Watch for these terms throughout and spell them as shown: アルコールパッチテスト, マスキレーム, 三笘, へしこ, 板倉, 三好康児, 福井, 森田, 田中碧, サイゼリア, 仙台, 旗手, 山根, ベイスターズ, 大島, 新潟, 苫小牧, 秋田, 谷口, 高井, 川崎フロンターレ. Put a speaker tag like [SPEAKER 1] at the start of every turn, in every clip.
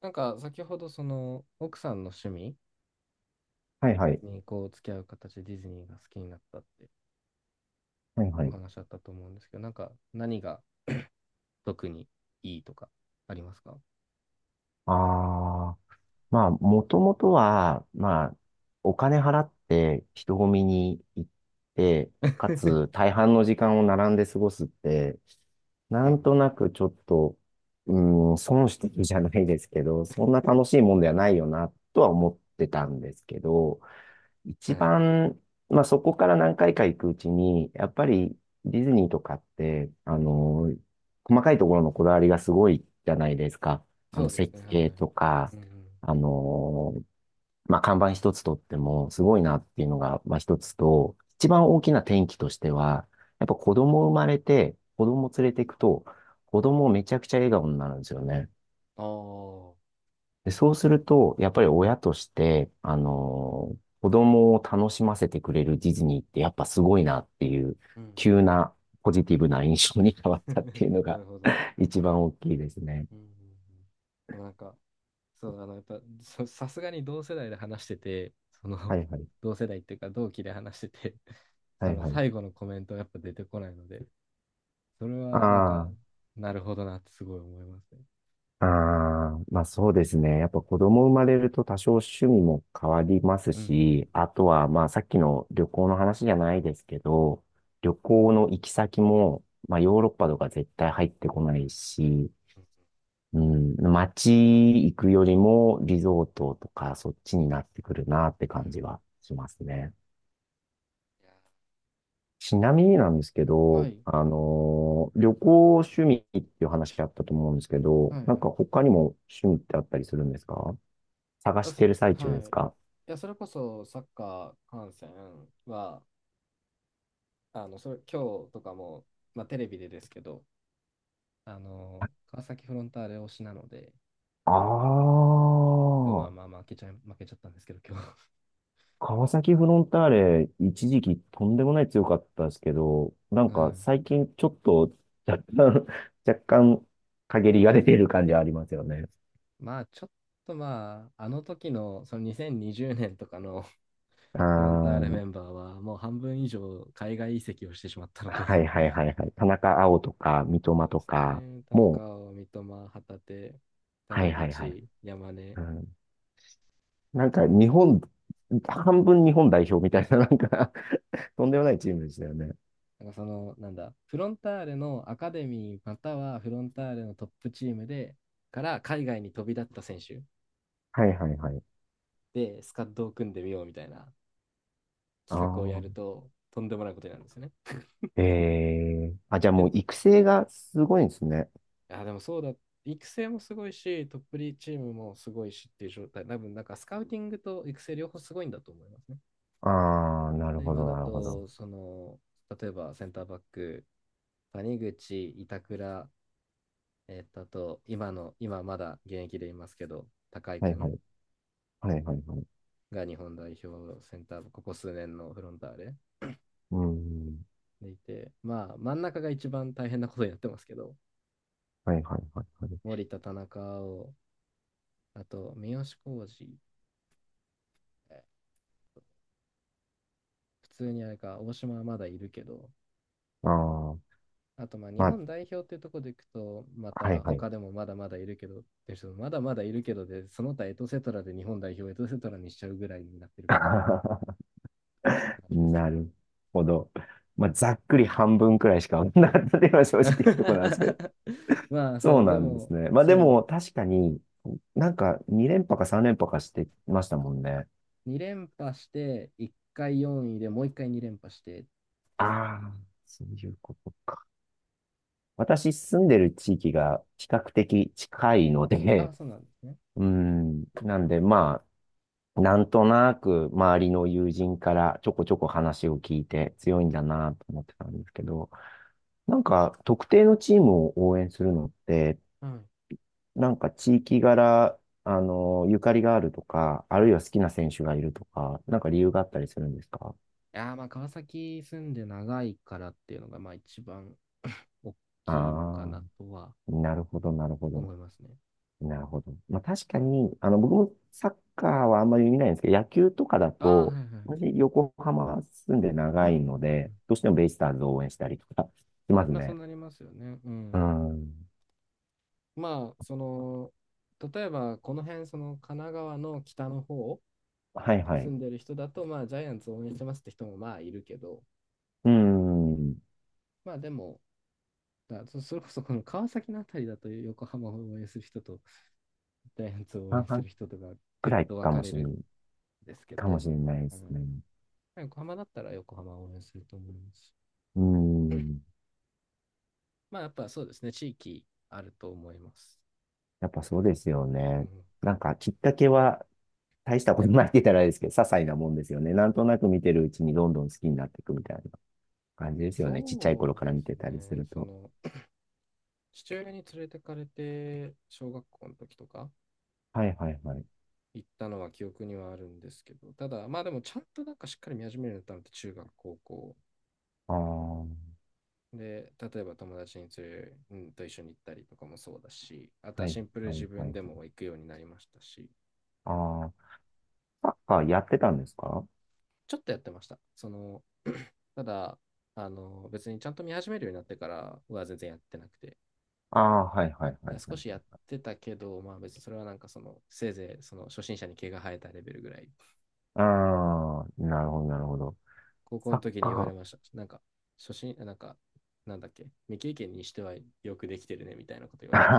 [SPEAKER 1] なんか先ほどその奥さんの趣味
[SPEAKER 2] はいはい。
[SPEAKER 1] にこう付き合う形でディズニーが好きになったって
[SPEAKER 2] はいは
[SPEAKER 1] お
[SPEAKER 2] い。
[SPEAKER 1] 話あったと思うんですけど、なんか何が特にいいとかありますか？
[SPEAKER 2] ああ、まあ、もともとは、まあ、お金払って人混みに行って、かつ 大半の時間を並んで過ごすって、な
[SPEAKER 1] うん
[SPEAKER 2] んとなくちょっと、うーん、損してるじゃないですけど、そんな楽しいもんではないよな、とは思ってたんですけど、
[SPEAKER 1] う
[SPEAKER 2] 一
[SPEAKER 1] ん。はい。
[SPEAKER 2] 番、まあ、そこから何回か行くうちに、やっぱりディズニーとかって、細かいところのこだわりがすごいじゃないですか。
[SPEAKER 1] そうですね。
[SPEAKER 2] 設
[SPEAKER 1] はい。
[SPEAKER 2] 計とか、
[SPEAKER 1] うんうん。
[SPEAKER 2] あの、まあ、看板一つとってもすごいなっていうのが、まあ、一つと、一番大きな転機としては、やっぱ子供生まれて、子供連れていくと、子供めちゃくちゃ笑顔になるんですよね。
[SPEAKER 1] ああ。
[SPEAKER 2] で、そうすると、やっぱり親として、子供を楽しませてくれるディズニーってやっぱすごいなっていう、
[SPEAKER 1] うん
[SPEAKER 2] 急なポジティブな印象に変わっ
[SPEAKER 1] うん。
[SPEAKER 2] たっていう の
[SPEAKER 1] な
[SPEAKER 2] が、
[SPEAKER 1] るほど。
[SPEAKER 2] 一番大きいですね。
[SPEAKER 1] うんうんうん。でもなんか、そう、あの、やっぱ、さすがに同世代で話してて、その、
[SPEAKER 2] はいはい。
[SPEAKER 1] 同世代っていうか同期で話してて、
[SPEAKER 2] は
[SPEAKER 1] そ
[SPEAKER 2] い
[SPEAKER 1] の
[SPEAKER 2] はい。
[SPEAKER 1] 最後のコメントはやっぱ出てこないので、それはなん
[SPEAKER 2] あ
[SPEAKER 1] か、なるほどなってすごい思いますね。
[SPEAKER 2] あ、ああ、まあそうですね。やっぱ子供生まれると多少趣味も変わります
[SPEAKER 1] うんうん
[SPEAKER 2] し、あとはまあさっきの旅行の話じゃないですけど、旅行の行き先も、まあヨーロッパとか絶対入ってこないし、
[SPEAKER 1] うんうん。
[SPEAKER 2] うん、街行くよりもリゾートとかそっちになってくるなって感じはしますね。
[SPEAKER 1] いや、
[SPEAKER 2] ちなみになんですけ
[SPEAKER 1] は
[SPEAKER 2] ど、
[SPEAKER 1] い、
[SPEAKER 2] 旅行趣味っていう話あったと思うんですけど、
[SPEAKER 1] はい
[SPEAKER 2] な
[SPEAKER 1] は
[SPEAKER 2] ん
[SPEAKER 1] い。
[SPEAKER 2] か他にも趣味ってあったりするんですか？探
[SPEAKER 1] あ、
[SPEAKER 2] し
[SPEAKER 1] そ
[SPEAKER 2] てる
[SPEAKER 1] れ、
[SPEAKER 2] 最中
[SPEAKER 1] は
[SPEAKER 2] です
[SPEAKER 1] い。い
[SPEAKER 2] か？
[SPEAKER 1] や、それこそサッカー観戦は、あの、それ、今日とかも、まあ、テレビでですけど、あの、川崎フロンターレ推しなので、
[SPEAKER 2] ああ、
[SPEAKER 1] 今日まあまあまあ負けちゃったんですけど、今日。
[SPEAKER 2] 川崎フロンターレ一時期とんでもない強かったですけど、な
[SPEAKER 1] う
[SPEAKER 2] んか
[SPEAKER 1] ん。
[SPEAKER 2] 最近ちょっと若干、若干陰りが出てる感じはありますよね。
[SPEAKER 1] まあ、ちょっとまあ、あの時の、その2020年とかの
[SPEAKER 2] あ
[SPEAKER 1] フロンターレ
[SPEAKER 2] ー、
[SPEAKER 1] メンバーは、もう半分以上海外移籍をしてしまったので。
[SPEAKER 2] はいはいはいはい。田中碧とか、三
[SPEAKER 1] そ
[SPEAKER 2] 笘
[SPEAKER 1] うで
[SPEAKER 2] と
[SPEAKER 1] す
[SPEAKER 2] か、
[SPEAKER 1] ね。田
[SPEAKER 2] も
[SPEAKER 1] 中
[SPEAKER 2] う、
[SPEAKER 1] 碧、三笘、旗手、
[SPEAKER 2] はい
[SPEAKER 1] 谷
[SPEAKER 2] はいはい。
[SPEAKER 1] 口、山根。
[SPEAKER 2] うん、なんか日本、半分日本代表みたいな、なんか、 とんでもないチームでしたよね。
[SPEAKER 1] なんかその、なんだ、フロンターレのアカデミーまたはフロンターレのトップチームで、から海外に飛び立った選手
[SPEAKER 2] はいはいはい。
[SPEAKER 1] で、スカッドを組んでみようみたいな
[SPEAKER 2] あ
[SPEAKER 1] 企画をやる
[SPEAKER 2] あ、
[SPEAKER 1] と、とんでもないことになるんですよね。
[SPEAKER 2] ええ、じゃあもう
[SPEAKER 1] で、
[SPEAKER 2] 育成がすごいんですね。
[SPEAKER 1] あ、でもそうだ、育成もすごいし、トップリーチームもすごいしっていう状態。多分、なんかスカウティングと育成両方すごいんだと思いますね。
[SPEAKER 2] ああ、なるほ
[SPEAKER 1] 今
[SPEAKER 2] ど
[SPEAKER 1] だ
[SPEAKER 2] なるほど。
[SPEAKER 1] と、その、例えばセンターバック、谷口、板倉、あと、今まだ現役でいますけど、高井
[SPEAKER 2] は
[SPEAKER 1] く
[SPEAKER 2] いは
[SPEAKER 1] ん
[SPEAKER 2] い。はいはいはい。
[SPEAKER 1] が日本代表センター、ここ数年のフロンターレ
[SPEAKER 2] うん。
[SPEAKER 1] でいて、まあ、真ん中が一番大変なことになってますけど、
[SPEAKER 2] はいはいはいはい。
[SPEAKER 1] 森田、田中を、あと、三好康児、普通にあれか、大島はまだいるけど、
[SPEAKER 2] ああ、
[SPEAKER 1] あとまあ日
[SPEAKER 2] まあ、
[SPEAKER 1] 本代表っていうところでいくと、ま
[SPEAKER 2] はい
[SPEAKER 1] た
[SPEAKER 2] はい。
[SPEAKER 1] 他でもまだまだいるけどって人もまだまだいるけどで、その他エトセトラで日本代表エトセトラにしちゃうぐらいになってるから、あれですけ
[SPEAKER 2] な
[SPEAKER 1] ど。
[SPEAKER 2] るほど。まあ、ざっくり半分くらいしか分かん、 なかったっていうのは正直なところなんですけど。
[SPEAKER 1] まあ
[SPEAKER 2] そ
[SPEAKER 1] そ
[SPEAKER 2] う
[SPEAKER 1] う、で
[SPEAKER 2] なんです
[SPEAKER 1] も
[SPEAKER 2] ね。まあで
[SPEAKER 1] そ
[SPEAKER 2] も確かになんか2連覇か3連覇かしてましたもんね。
[SPEAKER 1] う、2連覇して、1回4位でもう1回2連覇して
[SPEAKER 2] あ
[SPEAKER 1] ですね。
[SPEAKER 2] あ、そういうことか。私住んでる地域が比較的近いの
[SPEAKER 1] あ
[SPEAKER 2] で、
[SPEAKER 1] あ、そうなんですね。
[SPEAKER 2] うん、なんでまあ、なんとなく周りの友人からちょこちょこ話を聞いて強いんだなと思ってたんですけど、なんか特定のチームを応援するのって
[SPEAKER 1] はい。い
[SPEAKER 2] なんか地域柄、ゆかりがあるとか、あるいは好きな選手がいるとか、なんか理由があったりするんですか？
[SPEAKER 1] やー、まあ川崎住んで長いからっていうのがまあ一番 大
[SPEAKER 2] あ
[SPEAKER 1] きいのか
[SPEAKER 2] あ
[SPEAKER 1] なとは
[SPEAKER 2] ー、なるほど、なるほど。
[SPEAKER 1] 思いますね。
[SPEAKER 2] なるほど。まあ確かに、僕もサッカーはあんまり見ないんですけど、野球とかだ
[SPEAKER 1] ああ、は
[SPEAKER 2] と、
[SPEAKER 1] いはい。
[SPEAKER 2] 私、横浜住んで
[SPEAKER 1] うん
[SPEAKER 2] 長
[SPEAKER 1] うん
[SPEAKER 2] いの
[SPEAKER 1] う
[SPEAKER 2] で、
[SPEAKER 1] ん。
[SPEAKER 2] どうしてもベイスターズを応援したりとか、 します
[SPEAKER 1] まあそう
[SPEAKER 2] ね。
[SPEAKER 1] なりますよね。う
[SPEAKER 2] う
[SPEAKER 1] ん。
[SPEAKER 2] ん。
[SPEAKER 1] まあその、例えばこの辺その神奈川の北の方
[SPEAKER 2] はいは
[SPEAKER 1] 住
[SPEAKER 2] い。
[SPEAKER 1] んでる人だとまあジャイアンツ応援してますって人もまあいるけど、
[SPEAKER 2] うん。
[SPEAKER 1] まあでもそれこそこの川崎のあたりだと横浜を応援する人とジャイアンツを応
[SPEAKER 2] 半
[SPEAKER 1] 援す
[SPEAKER 2] 々
[SPEAKER 1] る人とがぐ
[SPEAKER 2] く
[SPEAKER 1] っ
[SPEAKER 2] らい
[SPEAKER 1] と分
[SPEAKER 2] か
[SPEAKER 1] か
[SPEAKER 2] も
[SPEAKER 1] れ
[SPEAKER 2] しれ
[SPEAKER 1] る
[SPEAKER 2] ない、
[SPEAKER 1] んですけ
[SPEAKER 2] かも
[SPEAKER 1] ど、
[SPEAKER 2] しれないで
[SPEAKER 1] う
[SPEAKER 2] す
[SPEAKER 1] ん、
[SPEAKER 2] ね。
[SPEAKER 1] 横浜だったら横浜を応援すると思います。
[SPEAKER 2] うん。
[SPEAKER 1] まあやっぱそうですね、地域あると思います。
[SPEAKER 2] やっぱそうですよ
[SPEAKER 1] う
[SPEAKER 2] ね。
[SPEAKER 1] ん、
[SPEAKER 2] なんかきっかけは大したことないって言ったらあれですけど、些細なもんですよね。なんとなく見てるうちにどんどん好きになっていくみたいな感じですよね。ちっちゃい頃
[SPEAKER 1] そ
[SPEAKER 2] か
[SPEAKER 1] う
[SPEAKER 2] ら
[SPEAKER 1] で
[SPEAKER 2] 見
[SPEAKER 1] す
[SPEAKER 2] て
[SPEAKER 1] ね。
[SPEAKER 2] たりする
[SPEAKER 1] そ
[SPEAKER 2] と。
[SPEAKER 1] の、父親に連れてかれて、小学校の時とか
[SPEAKER 2] はいはいはい。
[SPEAKER 1] 行ったのは記憶にはあるんですけど、ただ、まあでもちゃんとなんかしっかり見始めるようになったのって中学、高校。
[SPEAKER 2] ああ、は
[SPEAKER 1] で、例えば友達に連れ、うん、と一緒に行ったりとかもそうだし、あと
[SPEAKER 2] い
[SPEAKER 1] はシンプルに
[SPEAKER 2] は
[SPEAKER 1] 自
[SPEAKER 2] いは
[SPEAKER 1] 分
[SPEAKER 2] い。
[SPEAKER 1] でも行くようになりましたし、
[SPEAKER 2] ああ、サッカーやってたんですか？
[SPEAKER 1] ちょっとやってました。その、ただ、あの、別にちゃんと見始めるようになってからは全然やってなくて、だ
[SPEAKER 2] ああ、はいはい
[SPEAKER 1] か
[SPEAKER 2] は
[SPEAKER 1] ら
[SPEAKER 2] いは
[SPEAKER 1] 少
[SPEAKER 2] い。
[SPEAKER 1] しやってたけど、まあ別にそれはなんかその、せいぜいその初心者に毛が生えたレベルぐらい、
[SPEAKER 2] ああ、なるほどなるほど。
[SPEAKER 1] 高校
[SPEAKER 2] サ
[SPEAKER 1] の
[SPEAKER 2] ッ
[SPEAKER 1] 時に言われ
[SPEAKER 2] カ
[SPEAKER 1] ました。なんか、なんか、なんだっけ、未経験にしてはよくできてるねみたいなこと言われまし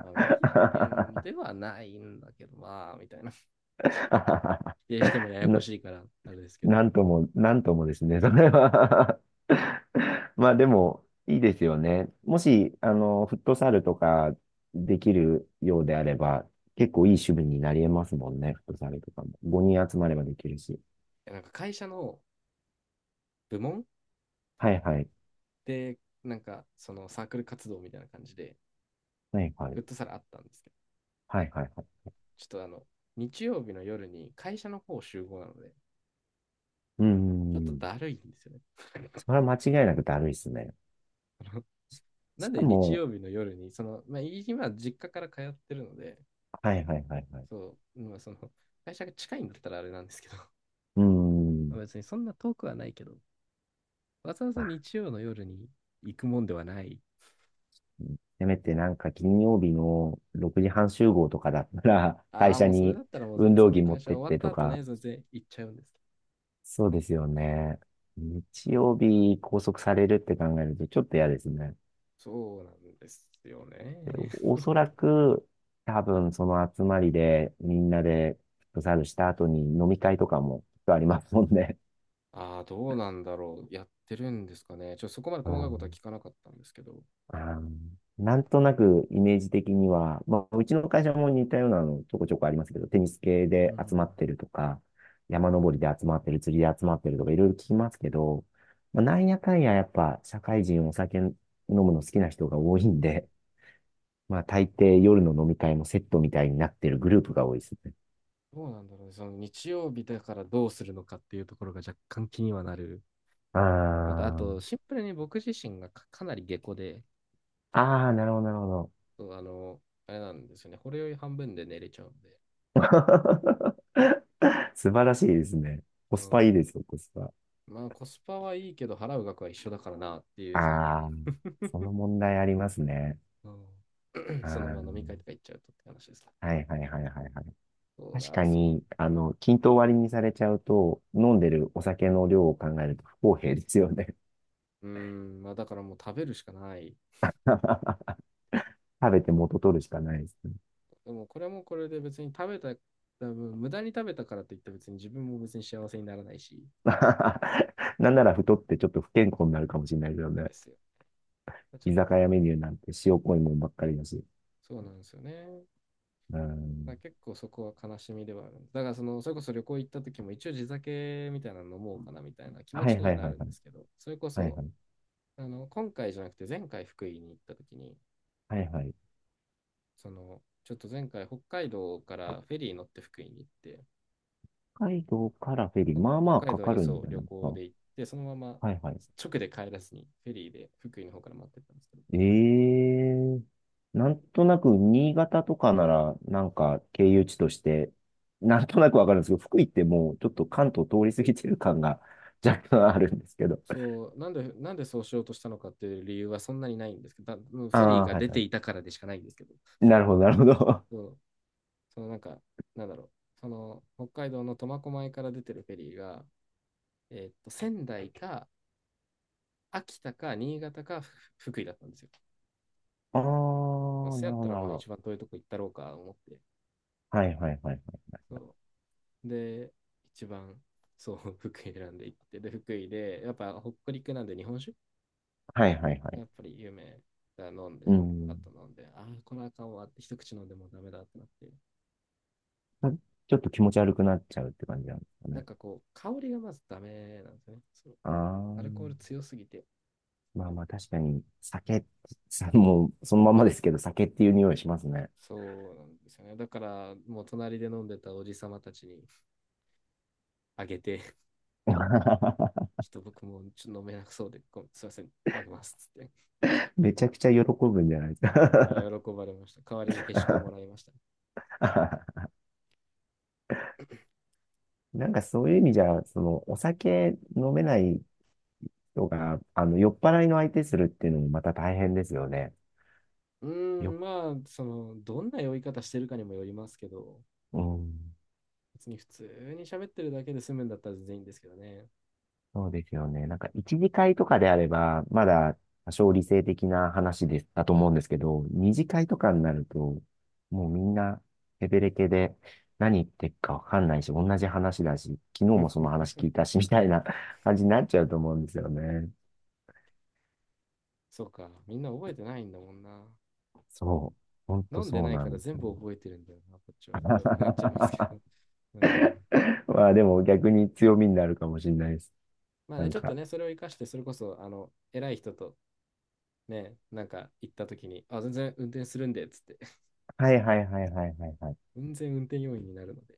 [SPEAKER 1] た。まあ、未経験で はないんだけど、まあ、みたいな。否定してもややこ
[SPEAKER 2] な
[SPEAKER 1] しいから、あれですけど。
[SPEAKER 2] なんとも、なんともですね、そ
[SPEAKER 1] そ
[SPEAKER 2] れ
[SPEAKER 1] う。
[SPEAKER 2] は。 まあでも、いいですよね。もし、フットサルとかできるようであれば、結構いい趣味になり得ますもんね、フットサルとかも。5人集まればできるし。
[SPEAKER 1] なんか会社の部門
[SPEAKER 2] はいはい。
[SPEAKER 1] で、なんか、そのサークル活動みたいな感じで、
[SPEAKER 2] はいは
[SPEAKER 1] フ
[SPEAKER 2] い。
[SPEAKER 1] ットサルあったんですけど、
[SPEAKER 2] はいはいはい。
[SPEAKER 1] ちょっとあの、日曜日の夜に会社の方集合なので、
[SPEAKER 2] うー
[SPEAKER 1] ちょっと
[SPEAKER 2] ん。
[SPEAKER 1] だるいんですよね。
[SPEAKER 2] それは間違いなくだるいっすね。
[SPEAKER 1] な
[SPEAKER 2] し
[SPEAKER 1] ん
[SPEAKER 2] か
[SPEAKER 1] で日
[SPEAKER 2] も、
[SPEAKER 1] 曜日の夜に、その、まあ、今、実家から通ってるので、
[SPEAKER 2] はいはいはいはい。
[SPEAKER 1] そう、まあ、その、会社が近いんだったらあれなんですけど、
[SPEAKER 2] うー
[SPEAKER 1] まあ
[SPEAKER 2] ん。
[SPEAKER 1] 別にそんな遠くはないけど、わざわざ
[SPEAKER 2] ま、
[SPEAKER 1] 日曜の夜に行くもんではない。
[SPEAKER 2] せめてなんか金曜日の6時半集合とかだったら、会
[SPEAKER 1] ああ、
[SPEAKER 2] 社
[SPEAKER 1] もうそれだ
[SPEAKER 2] に
[SPEAKER 1] ったらもう
[SPEAKER 2] 運
[SPEAKER 1] 全
[SPEAKER 2] 動
[SPEAKER 1] 然、もう
[SPEAKER 2] 着持
[SPEAKER 1] 会
[SPEAKER 2] っ
[SPEAKER 1] 社
[SPEAKER 2] てっ
[SPEAKER 1] 終わっ
[SPEAKER 2] て
[SPEAKER 1] た
[SPEAKER 2] と
[SPEAKER 1] 後
[SPEAKER 2] か、
[SPEAKER 1] ね、全然行っちゃうんですけど。
[SPEAKER 2] そうですよね。日曜日拘束されるって考えるとちょっと嫌ですね。
[SPEAKER 1] そうなんですよ
[SPEAKER 2] で、
[SPEAKER 1] ね。
[SPEAKER 2] お そらく、多分その集まりでみんなでフットサルした後に飲み会とかもきっとありますもんね。
[SPEAKER 1] ああ、どうなんだろう。やってるんですかね。ちょっとそこまで
[SPEAKER 2] う
[SPEAKER 1] 細かいことは
[SPEAKER 2] ん、
[SPEAKER 1] 聞かなかったんですけど。
[SPEAKER 2] あー、なんとなくイメージ的には、まあ、うちの会社も似たようなのちょこちょこありますけど、テニス系
[SPEAKER 1] う
[SPEAKER 2] で集
[SPEAKER 1] ん。
[SPEAKER 2] まってるとか、山登りで集まってる、釣りで集まってるとか、いろいろ聞きますけど、まあ、なんやかんややっぱ社会人お酒飲むの好きな人が多いんで、まあ大抵夜の飲み会もセットみたいになってるグループが多いですね。
[SPEAKER 1] どうなんだろうね。その、日曜日だからどうするのかっていうところが若干気にはなる。
[SPEAKER 2] あ
[SPEAKER 1] また、あ
[SPEAKER 2] ー、
[SPEAKER 1] と、シンプルに僕自身がかなり下戸で、
[SPEAKER 2] あー、なるほど、なるほど。
[SPEAKER 1] そう、あの、あれなんですよね。これより半分で寝れちゃうんで。
[SPEAKER 2] 素晴らしいですね。コ
[SPEAKER 1] う
[SPEAKER 2] スパいい
[SPEAKER 1] ん。
[SPEAKER 2] ですよ、コスパ。
[SPEAKER 1] まあ、コスパはいいけど、払う額は一緒だからなってい
[SPEAKER 2] あ
[SPEAKER 1] う、その、
[SPEAKER 2] あ、その問題ありますね。
[SPEAKER 1] うん。 その、まあ、飲み
[SPEAKER 2] ああ、
[SPEAKER 1] 会とか行っちゃうとって話ですね。
[SPEAKER 2] はいはいはいはいはい。
[SPEAKER 1] そう
[SPEAKER 2] 確か
[SPEAKER 1] だ、そう。
[SPEAKER 2] に、均等割りにされちゃうと、飲んでるお酒の量を考えると不公平ですよね。
[SPEAKER 1] うーん、まあ、だからもう食べるしかない。
[SPEAKER 2] 食べて元取るしかないですね。
[SPEAKER 1] でも、これもこれで別に食べた、多分無駄に食べたからといって別に自分も別に幸せにならないし、
[SPEAKER 2] なんなら太ってちょっと不健康に
[SPEAKER 1] そう
[SPEAKER 2] なるかもしれないですよね。
[SPEAKER 1] ですよ。ちょ
[SPEAKER 2] 居
[SPEAKER 1] っ
[SPEAKER 2] 酒
[SPEAKER 1] と、
[SPEAKER 2] 屋メニューなんて塩濃いもんばっかりだし。
[SPEAKER 1] そうなんですよね。
[SPEAKER 2] う
[SPEAKER 1] まあ、
[SPEAKER 2] ん。
[SPEAKER 1] 結構そこは悲しみではあるんです。だからその、それこそ旅行行った時も一応地酒みたいなの飲もうかなみたいな気持
[SPEAKER 2] は
[SPEAKER 1] ち
[SPEAKER 2] い
[SPEAKER 1] に
[SPEAKER 2] は
[SPEAKER 1] は
[SPEAKER 2] い
[SPEAKER 1] な
[SPEAKER 2] はい
[SPEAKER 1] るん
[SPEAKER 2] はい。
[SPEAKER 1] ですけど、それこ
[SPEAKER 2] はい
[SPEAKER 1] そ、
[SPEAKER 2] はい。
[SPEAKER 1] あの、今回じゃなくて前回福井に行った時に、
[SPEAKER 2] はいはい。
[SPEAKER 1] その、ちょっと前回北海道からフェリー乗って福井に行って、
[SPEAKER 2] 北海道からフェリー、まあまあ
[SPEAKER 1] 北海
[SPEAKER 2] か
[SPEAKER 1] 道
[SPEAKER 2] か
[SPEAKER 1] に
[SPEAKER 2] る
[SPEAKER 1] そ
[SPEAKER 2] んじ
[SPEAKER 1] う
[SPEAKER 2] ゃ
[SPEAKER 1] 旅
[SPEAKER 2] ないですか。
[SPEAKER 1] 行
[SPEAKER 2] は
[SPEAKER 1] で行って、そのまま
[SPEAKER 2] いはい。
[SPEAKER 1] 直で帰らずにフェリーで福井の方から待ってったんですけど、
[SPEAKER 2] ええ、なんとなく新潟とかなら、なんか経由地として、なんとなくわかるんですけど、福井ってもうちょっと関東通り過ぎてる感が若干あるんですけど。
[SPEAKER 1] そう、なんでそうしようとしたのかっていう理由はそんなにないんですけど、だもう
[SPEAKER 2] あ
[SPEAKER 1] フェリー
[SPEAKER 2] あ、
[SPEAKER 1] が
[SPEAKER 2] はい
[SPEAKER 1] 出
[SPEAKER 2] は
[SPEAKER 1] て
[SPEAKER 2] い。
[SPEAKER 1] いたからでしかないんですけど、
[SPEAKER 2] なるほど、なるほど。あ
[SPEAKER 1] そう、そのなんか、なんだろう、その北海道の苫小牧から出てるフェリーが、仙台か秋田か新潟か福井だったんですよ。
[SPEAKER 2] あ、なる
[SPEAKER 1] まあ、
[SPEAKER 2] ほ
[SPEAKER 1] そやっ
[SPEAKER 2] ど、
[SPEAKER 1] た
[SPEAKER 2] な
[SPEAKER 1] ら
[SPEAKER 2] る
[SPEAKER 1] ま
[SPEAKER 2] ほ
[SPEAKER 1] あ
[SPEAKER 2] ど。
[SPEAKER 1] 一番遠いとこ行ったろうか思って。
[SPEAKER 2] はいはいはい。
[SPEAKER 1] そうで、一番そう、福井選んで行って、で、福井で、やっぱ北陸なんで日本酒
[SPEAKER 2] はいはいは
[SPEAKER 1] や
[SPEAKER 2] い。
[SPEAKER 1] っぱり有名だ、飲ん
[SPEAKER 2] う
[SPEAKER 1] で、パッ
[SPEAKER 2] ん。
[SPEAKER 1] と飲んで、ああ、これあかんわって、一口飲んでもうダメだってなって、
[SPEAKER 2] まちょっと気持ち悪くなっちゃうって感じなんですか
[SPEAKER 1] なん
[SPEAKER 2] ね。
[SPEAKER 1] かこう、香りがまずダメなんですよね。そう、
[SPEAKER 2] ああ、
[SPEAKER 1] アルコール強すぎて、
[SPEAKER 2] まあまあ確かに、酒、さもうそのままですけど、酒っていう匂いしますね。
[SPEAKER 1] そうなんですよね。だから、もう隣で飲んでたおじさまたちにあげて、ちょっと僕もちょっと飲めなくそうで、ごすいません、あげますっつって。
[SPEAKER 2] めちゃくちゃ喜ぶんじゃないです
[SPEAKER 1] あ
[SPEAKER 2] か？
[SPEAKER 1] あ、喜ばれました。代わりにへしこもらいました。
[SPEAKER 2] なんかそういう意味じゃ、その、お酒飲めない人が、酔っ払いの相手するっていうのもまた大変ですよね。
[SPEAKER 1] うー
[SPEAKER 2] よ、
[SPEAKER 1] ん、まあ、どんな酔い方してるかにもよりますけど、
[SPEAKER 2] うん、
[SPEAKER 1] 別に普通に喋ってるだけで済むんだったら全然いいんですけどね。
[SPEAKER 2] そうですよね。なんか一次会とかであれば、まだ多少理性的な話です、だと思うんですけど、二次会とかになると、もうみんな、ヘベレケで、何言ってっかわかんないし、同じ話だし、昨日もその話聞いたし、み たいな感じになっちゃうと思うんですよね。
[SPEAKER 1] そうか、みんな覚えてないんだもんな。
[SPEAKER 2] そう。ほんと
[SPEAKER 1] 飲んで
[SPEAKER 2] そう
[SPEAKER 1] ない
[SPEAKER 2] な
[SPEAKER 1] から
[SPEAKER 2] んです
[SPEAKER 1] 全
[SPEAKER 2] よ
[SPEAKER 1] 部
[SPEAKER 2] ね。
[SPEAKER 1] 覚えてるんだよな、こっちはってなっちゃいますけど。うん。
[SPEAKER 2] まあでも逆に強みになるかもしれないです。
[SPEAKER 1] まあ
[SPEAKER 2] な
[SPEAKER 1] ね、
[SPEAKER 2] ん
[SPEAKER 1] ちょっと
[SPEAKER 2] か、
[SPEAKER 1] ね、それを生かして、それこそ、偉い人とね、なんか行った時に、あ、全然運転するんで、つって、
[SPEAKER 2] はいはいはいはいはいはい。
[SPEAKER 1] 全然運転要員になるので、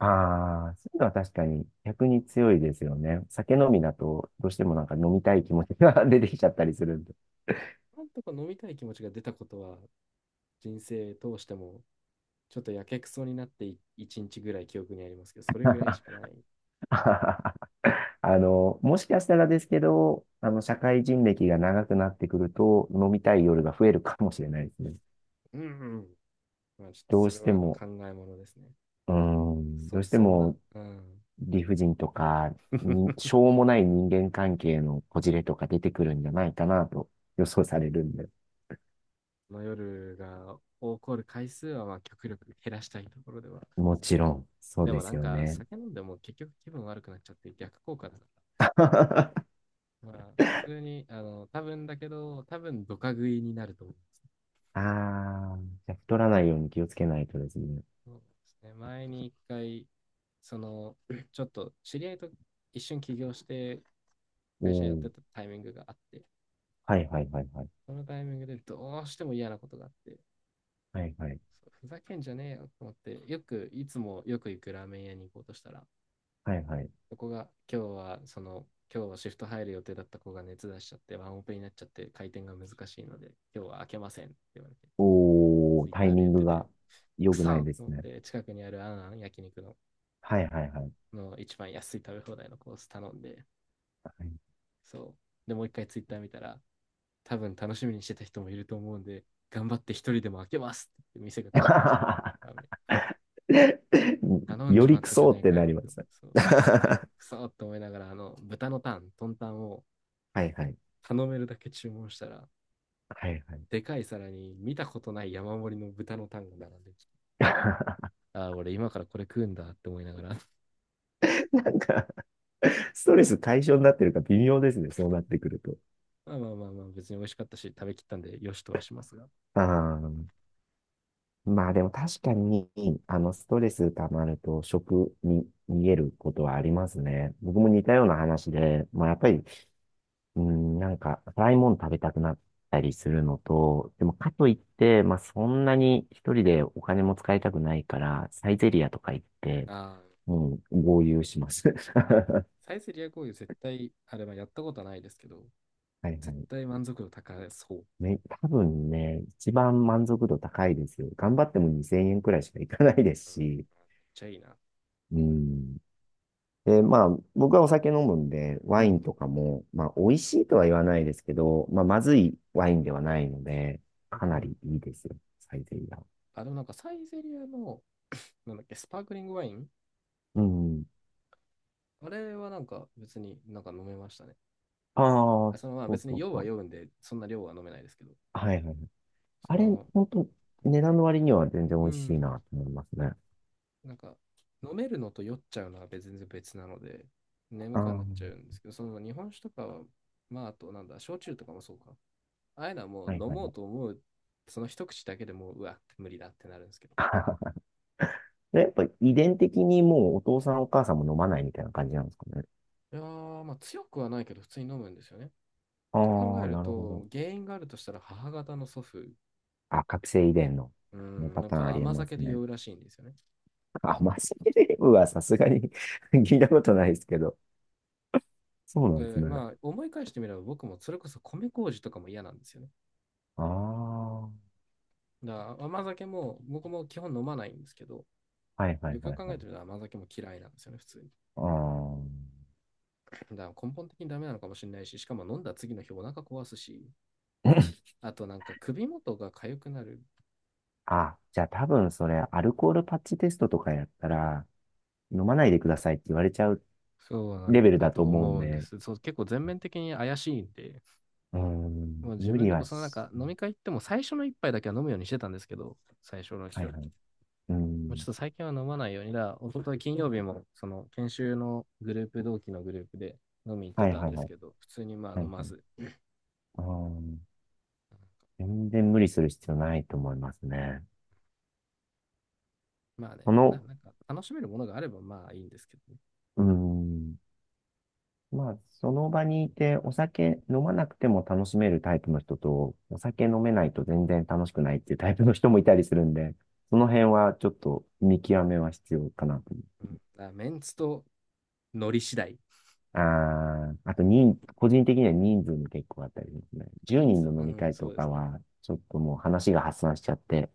[SPEAKER 2] ああ、そういうのは確かに逆に強いですよね。酒飲みだとどうしてもなんか飲みたい気持ちが、 出てきちゃったりするんで。
[SPEAKER 1] なんとか飲みたい気持ちが出たことは、人生通しても、ちょっとやけくそになって一日ぐらい記憶にありますけど、それぐらいしかな い。
[SPEAKER 2] もしかしたらですけど、社会人歴が長くなってくると飲みたい夜が増えるかもしれないですね。
[SPEAKER 1] うんうん。まあちょっと
[SPEAKER 2] どう
[SPEAKER 1] それ
[SPEAKER 2] して
[SPEAKER 1] は
[SPEAKER 2] も、
[SPEAKER 1] 考えものですね。
[SPEAKER 2] うーん、どうして
[SPEAKER 1] そんな、
[SPEAKER 2] も
[SPEAKER 1] うん。
[SPEAKER 2] 理不尽とか、に、し ょうもない人間関係のこじれとか出てくるんじゃないかなと予想されるんで。
[SPEAKER 1] この夜が起こる回数はまあ極力減らしたいところでは。
[SPEAKER 2] もちろん、そう
[SPEAKER 1] で
[SPEAKER 2] で
[SPEAKER 1] もな
[SPEAKER 2] す
[SPEAKER 1] ん
[SPEAKER 2] よ
[SPEAKER 1] か
[SPEAKER 2] ね。
[SPEAKER 1] 酒飲んでも結局気分悪くなっちゃって逆効果だな。まあ、普通に、多分だけど、多分ドカ食いになると思います。
[SPEAKER 2] ああ、じゃあ太らないように気をつけないとですね。
[SPEAKER 1] そうですね。前に一回、その、ちょっと知り合いと一瞬起業して、
[SPEAKER 2] お
[SPEAKER 1] 会社やってた
[SPEAKER 2] ー、
[SPEAKER 1] タイミングがあって、
[SPEAKER 2] はいはいはいはい。
[SPEAKER 1] そのタイミングでどうしても嫌なことがあって、
[SPEAKER 2] はいはい。
[SPEAKER 1] そうふざけんじゃねえよと思って、いつもよく行くラーメン屋に行こうとしたら、
[SPEAKER 2] はいはい。
[SPEAKER 1] そこが、今日はシフト入る予定だった子が熱出しちゃって、ワンオペになっちゃって、回転が難しいので、今日は開けませんって言われて、
[SPEAKER 2] おー、
[SPEAKER 1] ツイッ
[SPEAKER 2] タイ
[SPEAKER 1] ターで
[SPEAKER 2] ミ
[SPEAKER 1] 言
[SPEAKER 2] ン
[SPEAKER 1] っ
[SPEAKER 2] グ
[SPEAKER 1] てて、
[SPEAKER 2] が良
[SPEAKER 1] く
[SPEAKER 2] く
[SPEAKER 1] そ
[SPEAKER 2] ない
[SPEAKER 1] と
[SPEAKER 2] です
[SPEAKER 1] 思っ
[SPEAKER 2] ね。
[SPEAKER 1] て、近くにあるあんあん焼肉の
[SPEAKER 2] はいはいはい。
[SPEAKER 1] 一番安い食べ放題のコース頼んで、
[SPEAKER 2] はい、
[SPEAKER 1] そう。で、もう一回ツイッター見たら、多分楽しみにしてた人もいると思うんで、頑張って一人でも開けますって店が開店して、ダメ。頼ん
[SPEAKER 2] よ
[SPEAKER 1] じま
[SPEAKER 2] り
[SPEAKER 1] っ
[SPEAKER 2] ク
[SPEAKER 1] たじゃ
[SPEAKER 2] ソ
[SPEAKER 1] な
[SPEAKER 2] っ
[SPEAKER 1] い
[SPEAKER 2] て
[SPEAKER 1] か
[SPEAKER 2] な
[SPEAKER 1] よ
[SPEAKER 2] りま
[SPEAKER 1] と。
[SPEAKER 2] すね。
[SPEAKER 1] そ う。で、
[SPEAKER 2] は
[SPEAKER 1] くそって思いながら、豚のタン、トンタンを
[SPEAKER 2] いはい。
[SPEAKER 1] 頼めるだけ注文したら、
[SPEAKER 2] はいはい。
[SPEAKER 1] でかい皿に見たことない山盛りの豚のタンが並んできて、ああ、俺今からこれ食うんだって思いながら
[SPEAKER 2] なんか ストレス対象になってるか微妙ですね、そうなってくると。
[SPEAKER 1] まあまあまあまあ、別に美味しかったし、食べきったんで、よしとはしますが。
[SPEAKER 2] あー、まあでも確かに、あの、ストレス溜まると食に逃げることはありますね。僕も似たような話で、まあやっぱり、うん、なんか、辛いもの食べたくなったりするのと、でもかといって、まあそんなに一人でお金も使いたくないから、サイゼリアとか行って、
[SPEAKER 1] ああ、
[SPEAKER 2] うん、豪遊します。
[SPEAKER 1] サイゼリア合流絶対、あれはやったことはないですけど、
[SPEAKER 2] はいは
[SPEAKER 1] 絶
[SPEAKER 2] い。
[SPEAKER 1] 対満足度高そう。
[SPEAKER 2] 多分ね、一番満足度高いですよ。頑張っても2000円くらいしかいかないで
[SPEAKER 1] う
[SPEAKER 2] す
[SPEAKER 1] ん、めっ
[SPEAKER 2] し。
[SPEAKER 1] ちゃいいな。
[SPEAKER 2] うん。で、まあ、僕はお酒飲むんで、
[SPEAKER 1] う
[SPEAKER 2] ワイ
[SPEAKER 1] ん。
[SPEAKER 2] ンとかも、まあ、美味しいとは言わないですけど、まあ、まずいワインではないので、
[SPEAKER 1] う
[SPEAKER 2] か
[SPEAKER 1] ん
[SPEAKER 2] な
[SPEAKER 1] うん。
[SPEAKER 2] りいいですよ。サイゼリヤ。
[SPEAKER 1] あ、でもなんかサイゼリアの、なんだっけ、スパークリングワイン、
[SPEAKER 2] うん。
[SPEAKER 1] あれはなんか別になんか飲めましたね。
[SPEAKER 2] ああ、
[SPEAKER 1] あ、そのまあ
[SPEAKER 2] そう
[SPEAKER 1] 別
[SPEAKER 2] そ
[SPEAKER 1] に
[SPEAKER 2] う
[SPEAKER 1] 酔う
[SPEAKER 2] そ
[SPEAKER 1] は
[SPEAKER 2] う。
[SPEAKER 1] 酔うんで、そんな量は飲めないですけど、
[SPEAKER 2] はいはい。
[SPEAKER 1] そ
[SPEAKER 2] あれ、
[SPEAKER 1] の、
[SPEAKER 2] 本当、値段の割には全然美
[SPEAKER 1] う
[SPEAKER 2] 味しいな
[SPEAKER 1] ん、
[SPEAKER 2] と思いますね。
[SPEAKER 1] なんか飲めるのと酔っちゃうのは全然別なので、眠
[SPEAKER 2] ああ、
[SPEAKER 1] くはな
[SPEAKER 2] は
[SPEAKER 1] っちゃうんですけど、その日本酒とかは、まああとなんだ、焼酎とかもそうか。ああいうのはもう
[SPEAKER 2] いはい
[SPEAKER 1] 飲
[SPEAKER 2] はい。
[SPEAKER 1] もうと思う、その一口だけでもう、うわ、無理だってなるんですけど。
[SPEAKER 2] やっぱ遺伝的にもうお父さんお母さんも飲まないみたいな感じなんですかね。
[SPEAKER 1] いやー、まあ強くはないけど、普通に飲むんですよね。
[SPEAKER 2] あ
[SPEAKER 1] と考え
[SPEAKER 2] あ、
[SPEAKER 1] る
[SPEAKER 2] なるほど。
[SPEAKER 1] と、原因があるとしたら母方の祖父、
[SPEAKER 2] あ、覚醒遺伝の、
[SPEAKER 1] う
[SPEAKER 2] この
[SPEAKER 1] ん、
[SPEAKER 2] パ
[SPEAKER 1] なん
[SPEAKER 2] ターンあ
[SPEAKER 1] か
[SPEAKER 2] りえ
[SPEAKER 1] 甘
[SPEAKER 2] ま
[SPEAKER 1] 酒
[SPEAKER 2] す
[SPEAKER 1] で
[SPEAKER 2] ね。
[SPEAKER 1] 酔うらしいんですよね。
[SPEAKER 2] あ、マスキレームは さすがに 聞いたことないですけど。そうなんです
[SPEAKER 1] で、
[SPEAKER 2] ね。
[SPEAKER 1] まあ思い返してみれば僕もそれこそ米麹とかも嫌なんですよね。
[SPEAKER 2] ああ、はい
[SPEAKER 1] だから甘酒も僕も基本飲まないんですけど、
[SPEAKER 2] はいはい
[SPEAKER 1] よく
[SPEAKER 2] は
[SPEAKER 1] よく
[SPEAKER 2] い。
[SPEAKER 1] 考えてみたら甘酒も嫌いなんですよね、普通に。
[SPEAKER 2] あ
[SPEAKER 1] だから根本的にダメなのかもしれないし、しかも飲んだ次の日お腹壊すし、
[SPEAKER 2] あ、
[SPEAKER 1] あとなんか首元が痒くなる。
[SPEAKER 2] あ、じゃあ多分それ、アルコールパッチテストとかやったら、飲まないでくださいって言われちゃう
[SPEAKER 1] そうな
[SPEAKER 2] レ
[SPEAKER 1] ん
[SPEAKER 2] ベル
[SPEAKER 1] だ
[SPEAKER 2] だと
[SPEAKER 1] と
[SPEAKER 2] 思うん
[SPEAKER 1] 思うんで
[SPEAKER 2] で、
[SPEAKER 1] す。そう、結構全面的に怪しいんで、
[SPEAKER 2] うーん、
[SPEAKER 1] もう自
[SPEAKER 2] 無
[SPEAKER 1] 分
[SPEAKER 2] 理
[SPEAKER 1] でも
[SPEAKER 2] は
[SPEAKER 1] そのなん
[SPEAKER 2] し、
[SPEAKER 1] か飲み会行っても最初の一杯だけは飲むようにしてたんですけど、最初の
[SPEAKER 2] は
[SPEAKER 1] 日
[SPEAKER 2] い
[SPEAKER 1] は。
[SPEAKER 2] はい。うー
[SPEAKER 1] もうちょっ
[SPEAKER 2] ん、
[SPEAKER 1] と最近は飲まないようにだ、一昨日金曜日もその研修のグループ、同期のグループで飲み行って
[SPEAKER 2] はい
[SPEAKER 1] たん
[SPEAKER 2] はい
[SPEAKER 1] で
[SPEAKER 2] は
[SPEAKER 1] す
[SPEAKER 2] い。
[SPEAKER 1] けど、普通にまあ
[SPEAKER 2] は
[SPEAKER 1] 飲
[SPEAKER 2] い
[SPEAKER 1] ま
[SPEAKER 2] はい。
[SPEAKER 1] ず。
[SPEAKER 2] あー、全然無理する必要ないと思いますね。
[SPEAKER 1] まあ
[SPEAKER 2] そ
[SPEAKER 1] ね、
[SPEAKER 2] の
[SPEAKER 1] なんか楽しめるものがあればまあいいんですけどね。
[SPEAKER 2] うーん。まあ、その場にいて、お酒飲まなくても楽しめるタイプの人と、お酒飲めないと全然楽しくないっていうタイプの人もいたりするんで、その辺はちょっと見極めは必要かなと思
[SPEAKER 1] うん、
[SPEAKER 2] う。
[SPEAKER 1] だからメンツとノリ次第。
[SPEAKER 2] ああ、あと人、個人的には人数も結構あったりしますね。10
[SPEAKER 1] 人
[SPEAKER 2] 人
[SPEAKER 1] 数、
[SPEAKER 2] の
[SPEAKER 1] う
[SPEAKER 2] 飲み
[SPEAKER 1] ん、
[SPEAKER 2] 会
[SPEAKER 1] そ
[SPEAKER 2] と
[SPEAKER 1] うで
[SPEAKER 2] か
[SPEAKER 1] すね。
[SPEAKER 2] は、ちょっともう話が発散しちゃって、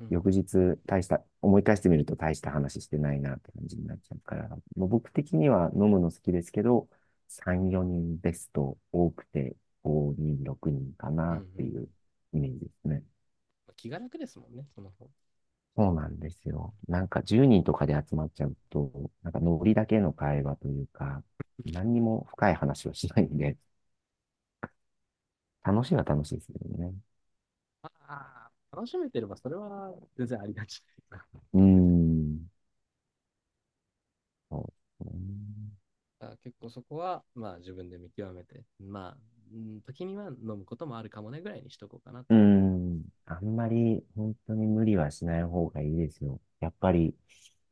[SPEAKER 1] う
[SPEAKER 2] 翌
[SPEAKER 1] ん、
[SPEAKER 2] 日大した、思い返してみると大した話してないなって感じになっちゃうから、もう僕的には飲むの好きですけど、3、4人ベスト、多くて5人、6人か
[SPEAKER 1] うん、
[SPEAKER 2] な
[SPEAKER 1] うん。う
[SPEAKER 2] って
[SPEAKER 1] ん。
[SPEAKER 2] いうイメージですね。
[SPEAKER 1] まあ気が楽ですもんね、その方。
[SPEAKER 2] そうなんです
[SPEAKER 1] う
[SPEAKER 2] よ。
[SPEAKER 1] ん。
[SPEAKER 2] なんか10人とかで集まっちゃうと、なんかノリだけの会話というか、何にも深い話をしないんで、楽しいは楽しいですけどね。
[SPEAKER 1] ああ、楽しめてればそれは全然ありがち。
[SPEAKER 2] うーん。そうですね。
[SPEAKER 1] あ、結構そこは、まあ自分で見極めて、まあ、うん、時には飲むこともあるかもねぐらいにしとこうかなと
[SPEAKER 2] うー
[SPEAKER 1] 思う。
[SPEAKER 2] ん、あんまり本当に無理はしない方がいいですよ。やっぱり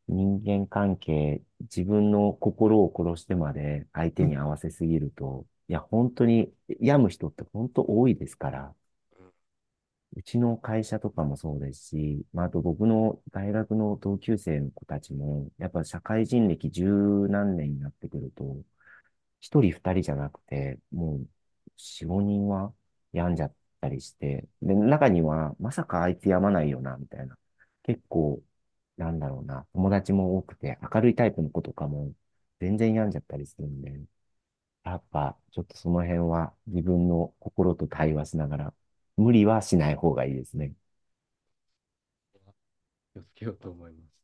[SPEAKER 2] 人間関係、自分の心を殺してまで相手に合 わせすぎると、いや、本当に病む人って本当多いですから、うちの会社とかもそうですし、まあ、あと僕の大学の同級生の子たちも、やっぱ社会人歴十何年になってくると、一人二人じゃなくて、もう、四五人は病んじゃったりして、で、中には、まさかあいつ病まないよな、みたいな。結構、なんだろうな、友達も多くて、明るいタイプの子とかも、全然病んじゃったりするんで、やっぱ、ちょっとその辺は、自分の心と対話しながら、無理はしない方がいいですね。
[SPEAKER 1] 気をつけようと思います。